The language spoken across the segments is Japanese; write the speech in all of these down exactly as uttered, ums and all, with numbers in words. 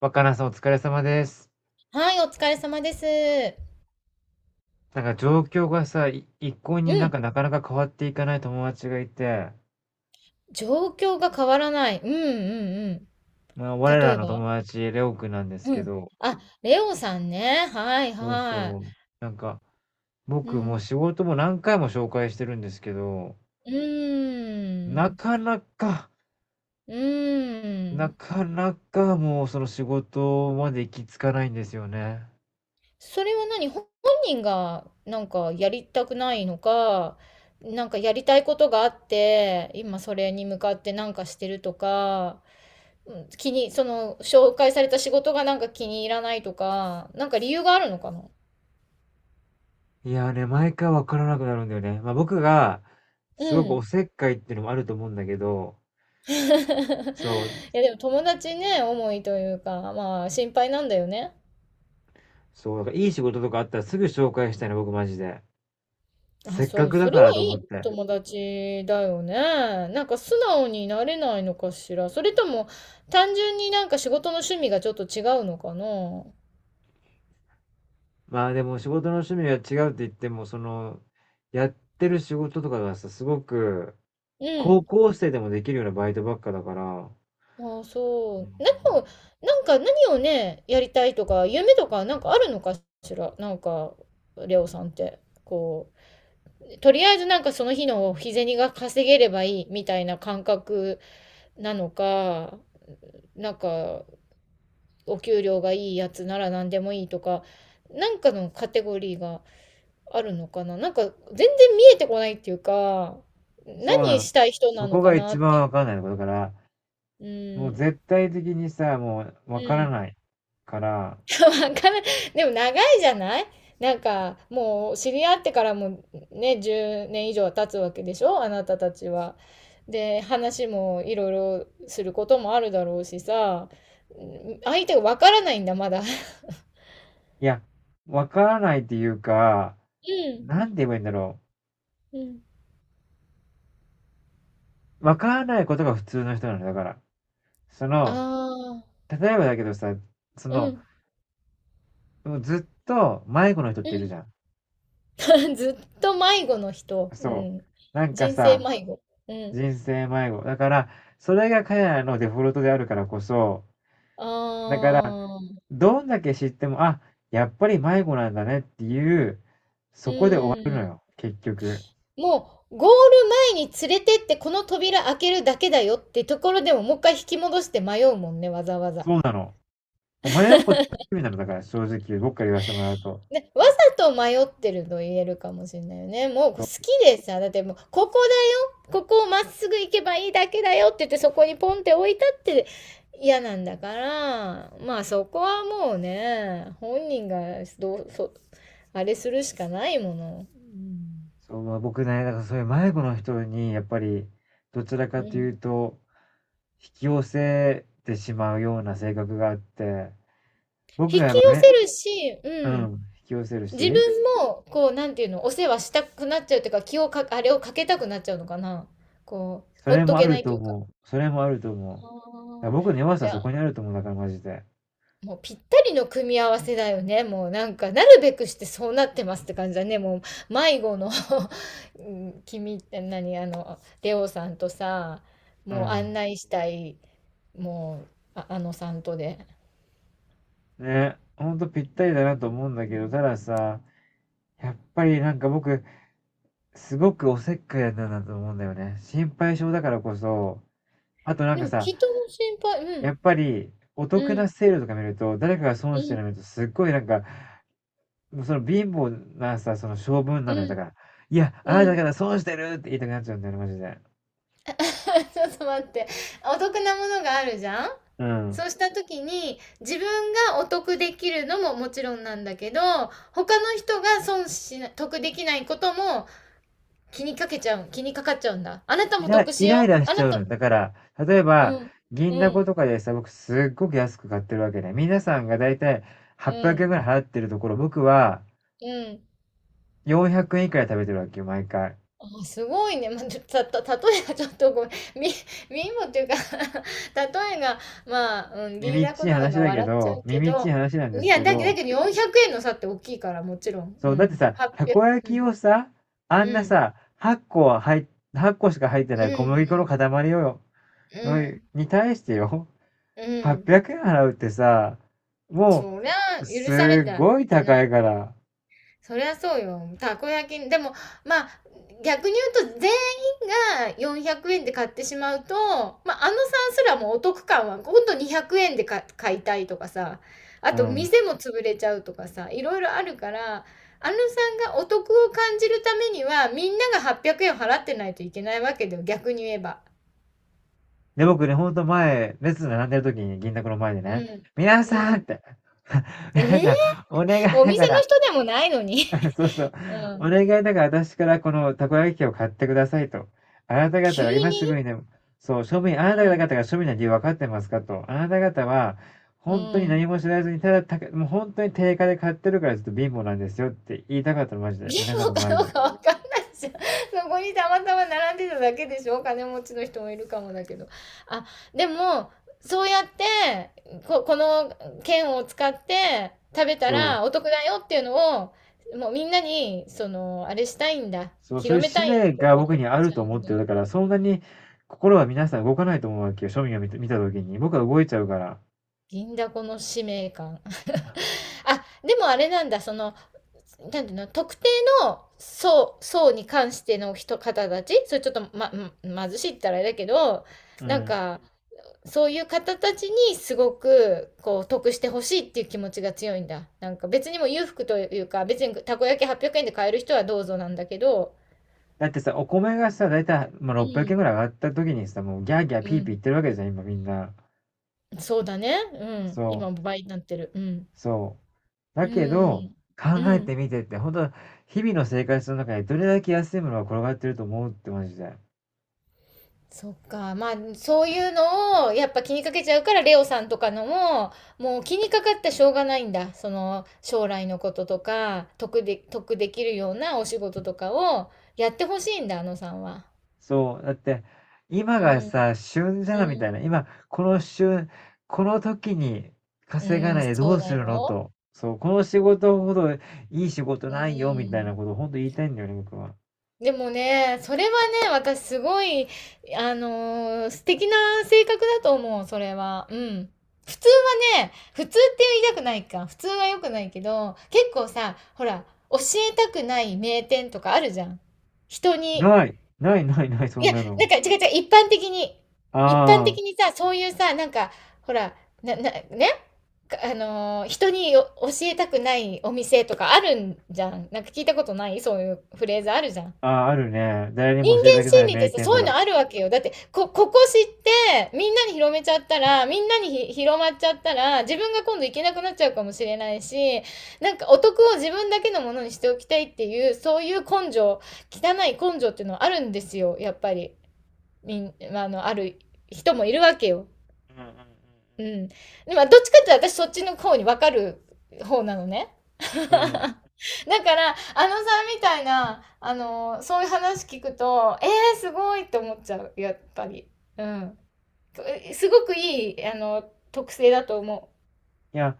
若菜さんお疲れ様です。はい、お疲れ様です。なんか状況がさ、い一向うになんかん。なかなか変わっていかない友達がいて、状況が変わらない。うんうんうん。まあ我例らえのば、友達、レオくんなんですうけん。ど、あ、レオさんね。はいそうはそう。なんかい。う僕もうん。仕事も何回も紹介してるんですけど、うーなん。かなか、うーなん。かなかもうその仕事まで行き着かないんですよね。それは何、ほ本人がなんかやりたくないのか、なんかやりたいことがあって、今それに向かってなんかしてるとか、うん、気に、その紹介された仕事がなんか気に入らないとか、なんか理由があるのかな。いやーね、毎回わからなくなるんだよね。まあ僕が、うすごくおん。 せっかいっていうのもあると思うんだけど、いそう、やでも友達ね、思いというか、まあ心配なんだよね。そう、だからいい仕事とかあったらすぐ紹介したいな、僕マジで。あ、せっそかう、くそだれかはらとい思っいて。友達だよね。なんか素直になれないのかしら。それとも単純になんか仕事の趣味がちょっと違うのかな。まあでも仕事の趣味が違うって言っても、その、やってる仕事とかがさ、すごく、う高ん。校生でもできるようなバイトばっかだから、ああ、そう。う何ん。を、なんか何をね、やりたいとか、夢とかなんかあるのかしら。なんか、レオさんって、こう、とりあえずなんかその日の日銭が稼げればいいみたいな感覚なのか、なんかお給料がいいやつなら何でもいいとか、なんかのカテゴリーがあるのかな。なんか全然見えてこないっていうか、そうな何の。したい人なそのこかがな一っ番て。わかんないのだから、うもうん。絶対的にさ、もううわからん。ないから、わからでも長いじゃない。なんかもう知り合ってからもね、じゅうねん以上は経つわけでしょ、あなたたちは。で話もいろいろすることもあるだろうしさ、うん、相手がわからないんだまだ。ういや、わからないっていうか、んなんて言えばいいんだろうん。う。わからないことが普通の人なのだから。その、ああ、例えばだけどさ、そうの、んずっと迷子の人っうているん。 じゃん。ずっと迷子の人。うそう。ん、なんか人生さ、迷子。うん。人生迷子。だから、それが彼らのデフォルトであるからこそ、ああ。どんだけ知っても、あ、やっぱり迷子なんだねっていう、うそこでん。結局、もう、ゴール前に連れてってこの扉開けるだけだよってところでももう一回引き戻して迷うもんね、わざわざ。そうなの。意味なの、だから正直僕から言わせてもらうと。で、わざと迷ってると言えるかもしれないよね。もう好きでさ、だってもう、ここだよ、ここをまっすぐ行けばいいだけだよって言ってそこにポンって置いたって嫌なんだから、まあそこはもうね、本人がどう、そ、あれするしかないもの。そう、まあ、僕ね、だからそういう迷子の人に、やっぱり、どちらうかといん。うと、引き寄せてしまうような性格があって、僕引がやきっぱ寄せめるし、ううん、ん。引き寄せる自分し、も、こう、なんていうの、お世話したくなっちゃうというか、気をか、あれをかけたくなっちゃうのかな。こう、そほれっともあけなるいとというか。あ思う。それもあると思う。だからー、僕の弱さじはゃそあ、こにあると思う、だからマジで。もうぴったりの組み合わせだよね。もうなんか、なるべくしてそうなってますって感じだね。もう、迷子の、 うん、君って何、あの、レオさんとさ、うもうん。案内したい、もう、あ、あのさんとで。ね、ほんとぴったりだなと思うんだけど、たださ、やっぱりなんか僕、すごくおせっかいなんだなと思うんだよね。心配性だからこそ、あとなんでかも、さ、人も心配、うやっん、ぱりおう得なん、セールとか見ると、誰かがう損してん、るの見ると、すっごいなんか、もうその貧乏なさ、その性分なうのよ。だん、から、いや、あうなたん。から損してるって言いたくなっちゃうんだよね、マジで。ちょっと待って。お得なものがあるじゃん。うん。そうした時に自分がお得できるのももちろんなんだけど、他の人が損しな、得できないことも気にかけちゃう、気にかかっちゃうんだ。あなたイもラ得イしライよう。ラしあちなゃうた、の。だから、例えうば、ん、銀うだこん、とかでさ、僕すっごく安く買ってるわけね。皆さんがだいたいうはっぴゃくえんん、ぐらい払ってるところ、僕はうん。よんひゃくえん以下で食べてるわけよ、毎回。あ、すごいね。まあ、た、た、た例えがちょっとごめん。み、みもっていうか、 例えが、まあ、うん、銀耳っだちこいなの話がだけ笑っちゃど、うけ耳っちいど、話なんでいすや、けだけだど、けどよんひゃくえんの差って大きいから、もちろん。うそう、だってん。さ、たはっぴゃく、こう焼きん。をさ、あんうなん。さ、8個は入っ、個しか入ってなうい小麦粉のん。塊をよ、うおいん。に対してよ、うん。はっぴゃくえん払うってさ、もそりゃ、う、許されすてっはごいいけな高い。いから。そりゃそうよ。たこ焼き、でも、まあ、逆に言うと、全員がよんひゃくえんで買ってしまうと、まあ、あのさんすらもお得感は、ほんとにひゃくえんでか買いたいとかさ、あうと、ん。店も潰れちゃうとかさ、いろいろあるから、あのさんがお得を感じるためには、みんながはっぴゃくえん払ってないといけないわけだよ、逆に言えば。で、僕ね、ほんと前、列並んでる時に銀だこの前でうね、ん。皆うさんっん。て、えー、皆さん、お願いおだ店かのら、人でもないのに。そうそう、うおん。願いだから私からこのたこ焼き器を買ってくださいと。あなた方急は今すぐに、にね、そう、庶民、あうなたん。方が庶民な理由分かってますかと。あなた方は、う本当に何ん。も知らずに、ただた、もう本当に定価で買ってるからちょっと貧乏なんですよって言いたかったの、マジで。ゲ皆ーさんムのか前どうで。かわかんないじゃん。そこにたまたま並んでただけでしょ、金持ちの人もいるかもだけど。あ、でも、そうやって、こ、この券を使って食べたそう。らお得だよっていうのを、もうみんなに、その、あれしたいんだ。そう、そうい広うめ使たい命とがか僕思っにあるちゃとう思んっだ。てる。だから、そんなに心は皆さん動かないと思うわけよ、庶民が見た見た時に。僕は動いちゃうから。銀だこの使命感。あ、でもあれなんだ、その、なんていうの、特定の層層に関しての人方たち、それちょっとま、ま、貧しいって言ったらあれだけど、うなんん。かそういう方たちにすごくこう得してほしいっていう気持ちが強いんだ。なんか別にも裕福というか、別にたこ焼きはっぴゃくえんで買える人はどうぞなんだけど。だってさ、お米がさ、だいたい、まあ、うろっぴゃくえんん、ぐらい上がった時にさ、もうギャーギャーうピーピーん、言ってるわけじゃん、今みんな。そうだね、うん、そ今も倍になってる、うん、う、そう。だうけど、ん、う考えてん、みてって、本当日々の生活の中でどれだけ安いものが転がってると思うってマジで。そっか。まあ、そういうのを、やっぱ気にかけちゃうから、レオさんとかのも、もう気にかかってしょうがないんだ。その、将来のこととか、得で、得できるようなお仕事とかをやってほしいんだ、あのさんは。そう、だって、今うがん、さ、旬じゃんみうたん、いな。今、この旬、この時にう稼がなん、いでどそううすだるのよ。と。そう、この仕事ほどいい仕事うないよみたいなん。ことを本当言いたいんだよね、僕は。でもね、それはね、私すごい、あのー、素敵な性格だと思う、それは。うん。普通はね、普通って言いたくないか。普通は良くないけど、結構さ、ほら、教えたくない名店とかあるじゃん。人に。ない、ないないない、そいんや、なの。なんか違う違う、一般的に。一般あ的にさ、そういうさ、なんか、ほら、な、な、ね、かあのー、人によ教えたくないお店とかあるんじゃん。なんか聞いたことないそういうフレーズあるじゃん。あ、ああ、あるね。誰にも人教えた間くな心い理って名さ、店そとういうのか。あるわけよ。だって、こ、ここ知って、みんなに広めちゃったら、みんなにひ広まっちゃったら、自分が今度行けなくなっちゃうかもしれないし、なんかお得を自分だけのものにしておきたいっていう、そういう根性、汚い根性っていうのはあるんですよ、やっぱり。みん、まああの、ある人もいるわけよ。うんうんうん。でも、どっちかっていうと私そっちの方に分かる方なのね。だうんうん。うん。から、あのさんみたいな、あのそういう話聞くと、えー、すごいって思っちゃう、やっぱり。うん。すごくいい、あの、特性だと思いや、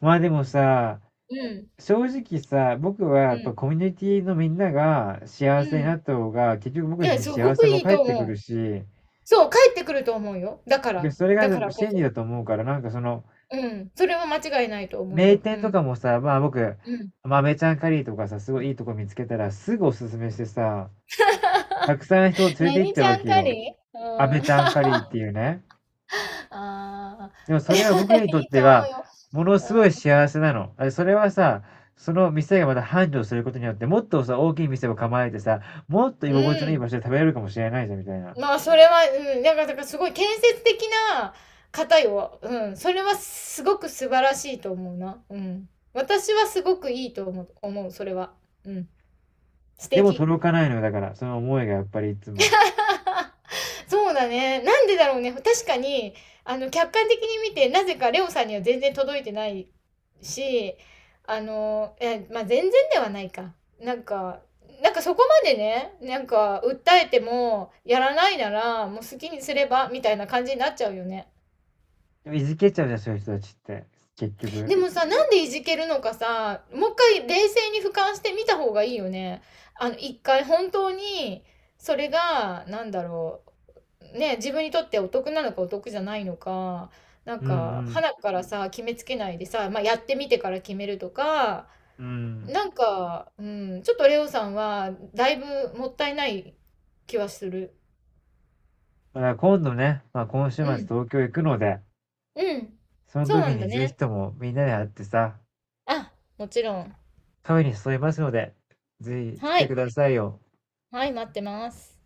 まあでもさ、う。うん。正直さ、僕はやうっぱん。コミュニティのみんなが幸うせになん。った方が、結局い僕や、にす幸ごせくもいい返っとてくる思う。し、そう、帰ってくると思うよ。だかで、ら。それがだからこ真理そ。だと思うから、なんかその、うん。それは間違いないと思う名よ。う店とん。かもさ、まあ僕、うん。豆ちゃんカリーとかさ、すごいいいとこ見つけたらすぐおすすめしてさ、たくさん人を連れて行っ何ちゃちうわゃんけかよ。り、う飴ん。ちゃんカリーっていうね。あでもそあ、れは僕にといっいてと思は、うよ。ものすごい幸せなの。あそれはさ、その店がまた繁盛することによって、もっとさ、大きい店を構えてさ、もっとう居ん。う心地のいいん。場所で食べれるかもしれないじゃん、みたいな。まあ、それは、うん、なんか、だからすごい建設的な方よ。うん。それはすごく素晴らしいと思うな。うん。私はすごくいいと思う、思う、それは。うん。素でも敵。届かないのよ、だから。その思いがやっぱりいつも。そうだね。なんでだろうね。確かに、あの、客観的に見て、なぜかレオさんには全然届いてないし、あの、え、まあ、全然ではないか。なんか、なんかそこまでね、なんか、訴えても、やらないなら、もう好きにすれば、みたいな感じになっちゃうよね。でもいじけちゃうじゃん、そういう人たちって。結で局。もさ、なんでいじけるのかさ、もう一回冷静に俯瞰してみた方がいいよね。あの、一回本当に、それが、なんだろう、ね、自分にとってお得なのかお得じゃないのか、なんうんうか、ん。花からさ、決めつけないでさ、まあ、やってみてから決めるとか、うん。なんか、うん、ちょっとレオさんは、だいぶもったいない気はする。だから今度ね、まあ今週末うん、東京行くので、うん、そのそうな時んだにぜひね。ともみんなで会ってさ、あ、もちろん。カフェに誘いますので、ぜひ来はてくい、ださいよ。はい、待ってます。